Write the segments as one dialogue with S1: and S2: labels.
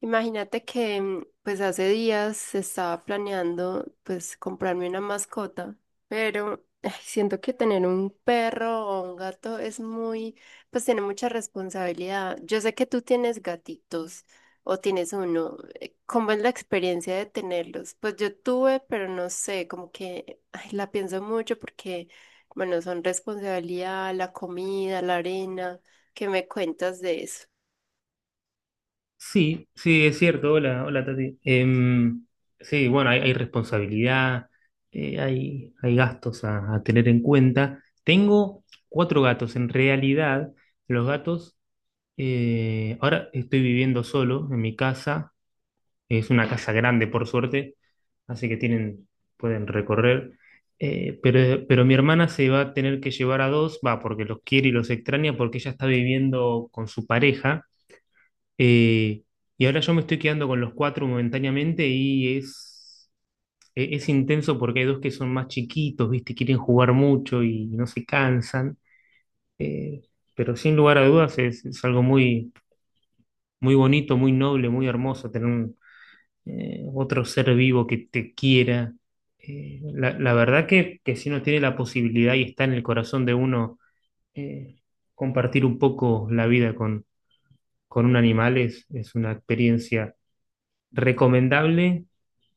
S1: Imagínate que pues hace días estaba planeando pues comprarme una mascota, pero ay, siento que tener un perro o un gato es muy, pues tiene mucha responsabilidad. Yo sé que tú tienes gatitos o tienes uno. ¿Cómo es la experiencia de tenerlos? Pues yo tuve, pero no sé, como que ay, la pienso mucho porque, bueno, son responsabilidad, la comida, la arena. ¿Qué me cuentas de eso?
S2: Sí, sí, es cierto. Hola, hola Tati. Sí, bueno, hay responsabilidad, hay gastos a tener en cuenta. Tengo cuatro gatos. En realidad, los gatos, ahora estoy viviendo solo en mi casa. Es una casa grande, por suerte, así que tienen, pueden recorrer. Pero mi hermana se va a tener que llevar a dos, va, porque los quiere y los extraña, porque ella está viviendo con su pareja. Eh, y ahora yo me estoy quedando con los cuatro momentáneamente y es, es intenso porque hay dos que son más chiquitos, ¿viste? Quieren jugar mucho y no se cansan. Eh, pero sin lugar a dudas es algo muy, muy bonito, muy noble, muy hermoso tener un, otro ser vivo que te quiera. La, la verdad que si uno tiene la posibilidad y está en el corazón de uno, eh, compartir un poco la vida con un animal es una experiencia recomendable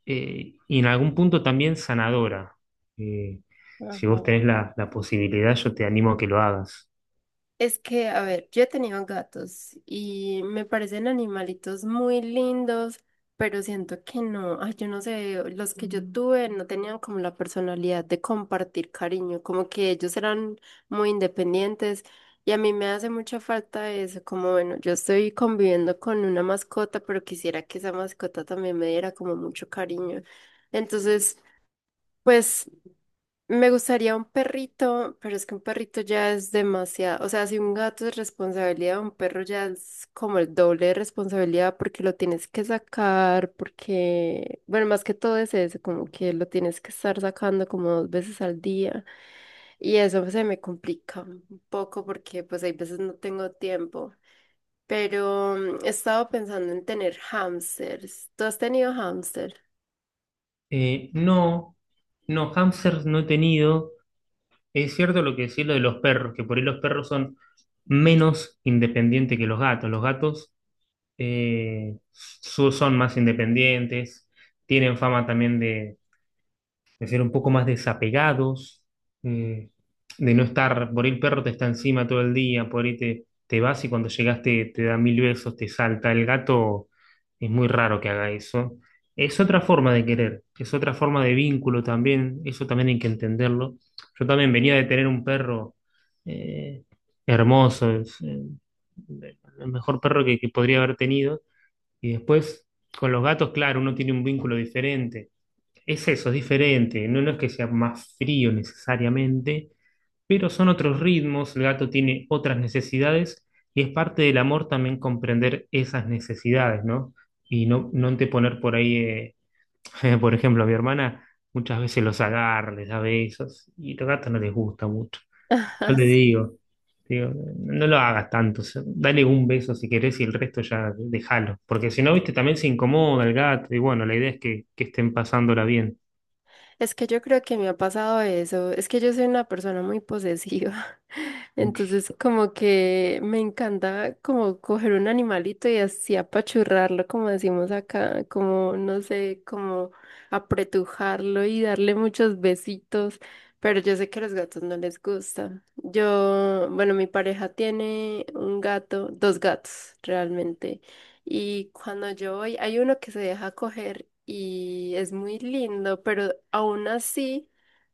S2: y en algún punto también sanadora. Eh, si vos
S1: Ajá.
S2: tenés la, la posibilidad, yo te animo a que lo hagas.
S1: Es que, a ver, yo he tenido gatos y me parecen animalitos muy lindos, pero siento que no, ay, yo no sé, los que yo tuve no tenían como la personalidad de compartir cariño, como que ellos eran muy independientes y a mí me hace mucha falta eso, como bueno, yo estoy conviviendo con una mascota, pero quisiera que esa mascota también me diera como mucho cariño. Entonces... Pues me gustaría un perrito, pero es que un perrito ya es demasiado. O sea, si un gato es responsabilidad, un perro ya es como el doble de responsabilidad porque lo tienes que sacar, porque, bueno, más que todo es eso, como que lo tienes que estar sacando como dos veces al día. Y eso se me complica un poco porque pues hay veces no tengo tiempo. Pero he estado pensando en tener hámsters. ¿Tú has tenido hámster?
S2: No, no, hamsters no he tenido. Es cierto lo que decís lo de los perros, que por ahí los perros son menos independientes que los gatos. Los gatos son más independientes, tienen fama también de ser un poco más desapegados, eh, de no estar, por ahí el perro te está encima todo el día, por ahí te, te vas y cuando llegaste te, te da mil besos, te salta. El gato es muy raro que haga eso. Es otra forma de querer, es otra forma de vínculo también, eso también hay que entenderlo. Yo también venía de tener un perro eh, hermoso, es, el mejor perro que podría haber tenido, y después con los gatos, claro, uno tiene un vínculo diferente es eso, es diferente. No, no es que sea más frío necesariamente, pero son otros ritmos, el gato tiene otras necesidades y es parte del amor también comprender esas necesidades, ¿no? Y no, no te poner por ahí, por ejemplo, a mi hermana muchas veces los agarra, les da besos y a los gatos no les gusta mucho. Yo
S1: Ah,
S2: le
S1: sí.
S2: digo, digo, no lo hagas tanto, o sea, dale un beso si querés y el resto ya déjalo, porque si no, viste, también se incomoda el gato y bueno, la idea es que estén pasándola bien.
S1: Es que yo creo que me ha pasado eso. Es que yo soy una persona muy posesiva.
S2: Ok.
S1: Entonces, como que me encanta como coger un animalito y así apachurrarlo, como decimos acá, como, no sé, como apretujarlo y darle muchos besitos. Pero yo sé que a los gatos no les gusta. Yo, bueno, mi pareja tiene un gato, dos gatos realmente. Y cuando yo voy, hay uno que se deja coger y es muy lindo, pero aún así,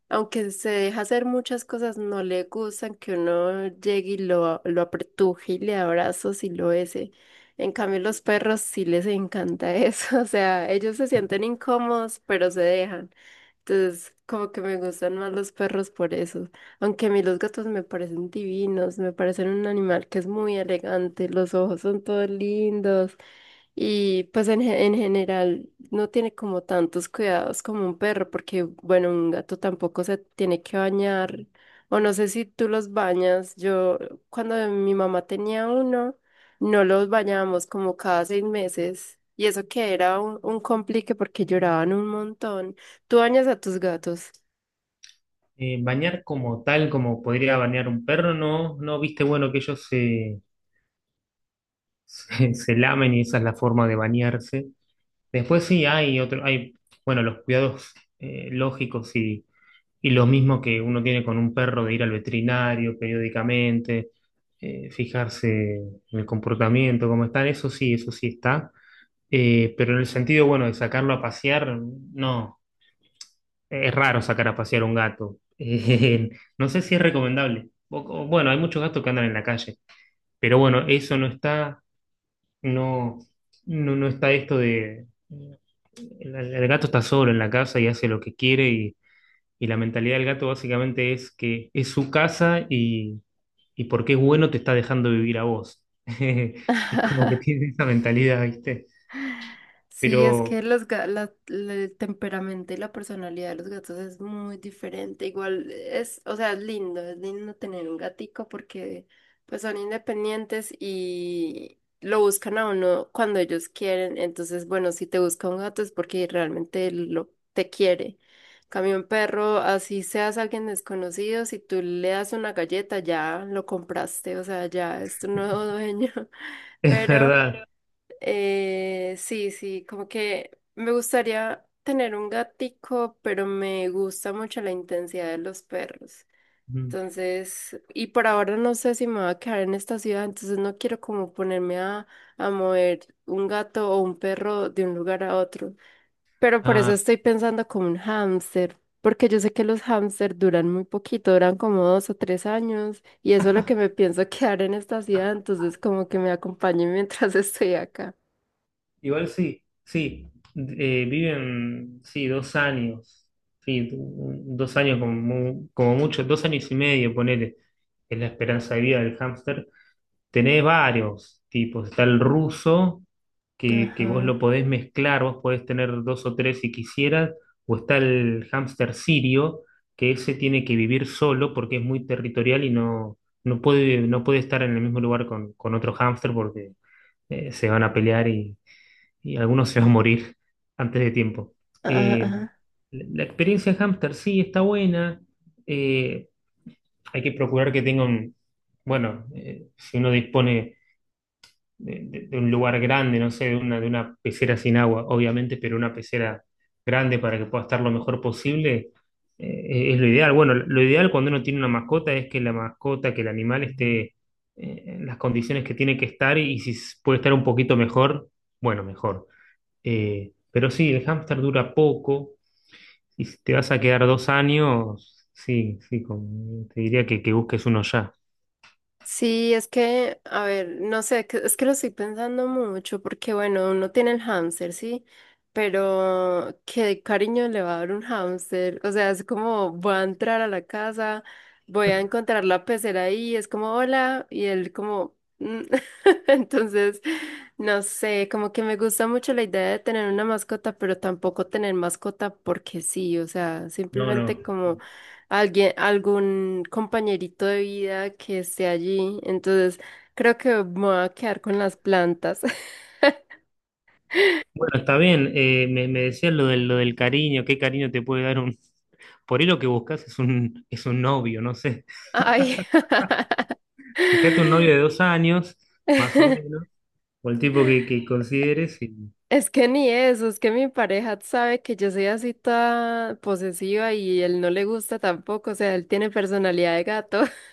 S1: aunque se deja hacer muchas cosas, no le gustan que uno llegue y lo apretuje y le abrazos y lo bese. En cambio, los perros sí les encanta eso, o sea, ellos se sienten incómodos, pero se dejan. Entonces, como que me gustan más los perros por eso. Aunque a mí los gatos me parecen divinos, me parecen un animal que es muy elegante, los ojos son todos lindos. Y pues en, en general no tiene como tantos cuidados como un perro, porque bueno, un gato tampoco se tiene que bañar, o no sé si tú los bañas. Yo cuando mi mamá tenía uno, no los bañábamos como cada 6 meses, y eso que era un complique porque lloraban un montón. ¿Tú bañas a tus gatos?
S2: Bañar como tal, como podría bañar un perro, no, no viste, bueno, que ellos se, se, se lamen y esa es la forma de bañarse. Después sí hay otro, hay, bueno, los cuidados lógicos y lo mismo que uno tiene con un perro de ir al veterinario periódicamente, fijarse en el comportamiento, cómo están, eso sí está. Pero en el sentido, bueno, de sacarlo a pasear, no. Es raro sacar a pasear un gato. No sé si es recomendable. Bueno, hay muchos gatos que andan en la calle, pero bueno, eso no está, no, no, no está esto de... el gato está solo en la casa y hace lo que quiere y la mentalidad del gato básicamente es que es su casa y porque es bueno te está dejando vivir a vos. Es como que tiene esa mentalidad, ¿viste?
S1: Sí, es
S2: Pero
S1: que los, ga- la- la- el temperamento y la personalidad de los gatos es muy diferente. Igual es, o sea, es lindo tener un gatico porque pues son independientes y lo buscan a uno cuando ellos quieren. Entonces, bueno, si te busca un gato es porque realmente lo te quiere. Cambio un perro, así seas alguien desconocido, si tú le das una galleta ya lo compraste, o sea, ya es tu nuevo dueño.
S2: es
S1: Pero
S2: verdad.
S1: sí, sí, como que me gustaría tener un gatico, pero me gusta mucho la intensidad de los perros. Entonces, y por ahora no sé si me voy a quedar en esta ciudad, entonces no quiero como ponerme a mover un gato o un perro de un lugar a otro. Pero por eso
S2: ah
S1: estoy pensando como un hámster, porque yo sé que los hámsters duran muy poquito, duran como 2 o 3 años, y eso es lo que me pienso quedar en esta ciudad, entonces como que me acompañe mientras estoy acá.
S2: Igual sí, sí, viven, sí, 2 años, sí, 2 años como, como mucho, 2 años y medio, ponele, es la esperanza de vida del hámster. Tenés varios tipos, está el ruso, que vos
S1: Ajá,
S2: lo podés mezclar, vos podés tener dos o tres si quisieras, o está el hámster sirio, que ese tiene que vivir solo porque es muy territorial y no, no puede, no puede estar en el mismo lugar con otro hámster porque se van a pelear y algunos se van a morir antes de tiempo.
S1: ajá,
S2: Eh,
S1: ajá.
S2: la la experiencia hámster sí está buena, eh, hay que procurar que tenga un, bueno, si uno dispone de, de un lugar grande, no sé, de una pecera sin agua, obviamente, pero una pecera grande para que pueda estar lo mejor posible, es lo ideal. Bueno, lo ideal cuando uno tiene una mascota es que la mascota, que el animal esté en las condiciones que tiene que estar y si puede estar un poquito mejor, bueno, mejor. Pero sí, el hámster dura poco y si te vas a quedar 2 años, sí, sí, te diría que busques uno ya.
S1: Sí, es que, a ver, no sé, es que lo estoy pensando mucho porque, bueno, uno tiene el hámster, ¿sí? Pero, ¿qué cariño le va a dar un hámster? O sea, es como, voy a entrar a la casa, voy a encontrar la pecera ahí, es como, hola, y él como, "Mm". Entonces, no sé, como que me gusta mucho la idea de tener una mascota, pero tampoco tener mascota porque sí, o sea,
S2: No,
S1: simplemente
S2: no.
S1: alguien, algún compañerito de vida que esté allí. Entonces, creo que me voy a quedar con las plantas.
S2: Bueno, está bien, me, me decías lo del cariño, qué cariño te puede dar un... Por ahí lo que buscas es un novio, no sé.
S1: Ay,
S2: Fíjate un novio de 2 años, más o menos, o el tipo que consideres y...
S1: es que ni eso, es que mi pareja sabe que yo soy así toda posesiva y él no le gusta tampoco, o sea, él tiene personalidad de gato.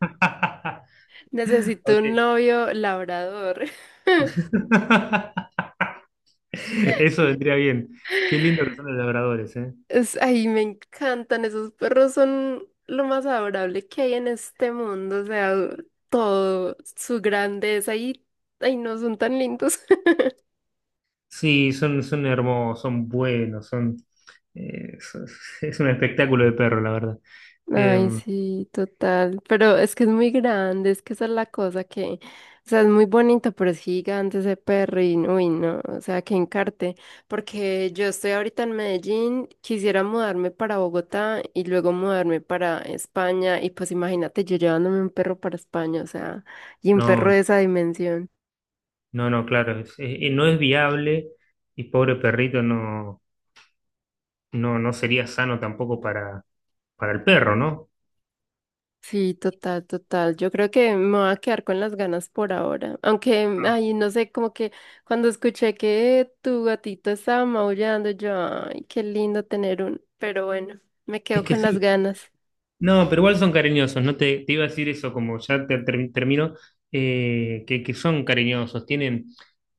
S1: Necesito
S2: Ok.
S1: un novio labrador.
S2: Eso vendría bien. Qué lindo que son los labradores, ¿eh?
S1: Es, ay, me encantan, esos perros son lo más adorable que hay en este mundo, o sea, todo, su grandeza y, ay, no, son tan lindos.
S2: Sí, son, son hermosos, son buenos, son, eh, so- es un espectáculo de perro, la verdad. Eh,
S1: Ay, sí, total. Pero es que es muy grande, es que esa es la cosa que, o sea, es muy bonito, pero es gigante ese perro y, uy, no, o sea, que encarte. Porque yo estoy ahorita en Medellín, quisiera mudarme para Bogotá y luego mudarme para España. Y pues imagínate yo llevándome un perro para España, o sea, y un perro de
S2: no,
S1: esa dimensión.
S2: no, no, claro, no es viable y pobre perrito no, no, no sería sano tampoco para, para el perro, ¿no?
S1: Sí, total, total. Yo creo que me voy a quedar con las ganas por ahora. Aunque,
S2: Ah.
S1: ay, no sé, como que cuando escuché que tu gatito estaba maullando, yo, ay, qué lindo tener un. Pero bueno, me
S2: Es
S1: quedo
S2: que
S1: con las
S2: sí,
S1: ganas.
S2: no, pero igual son cariñosos, no te, te iba a decir eso, como ya te, termino, que son cariñosos, tienen,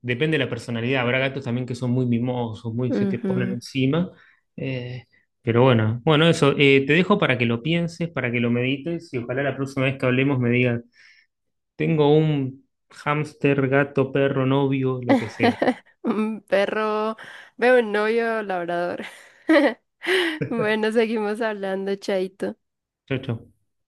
S2: depende de la personalidad, habrá gatos también que son muy mimosos, muy se te ponen
S1: Ujú.
S2: encima, eh, pero bueno, bueno, eso, te dejo para que lo pienses, para que lo medites y ojalá la próxima vez que hablemos me digas, tengo un hámster, gato, perro, novio, lo que sea.
S1: Un perro, veo un novio labrador. Bueno, seguimos hablando, Chaito.
S2: Chau, chau.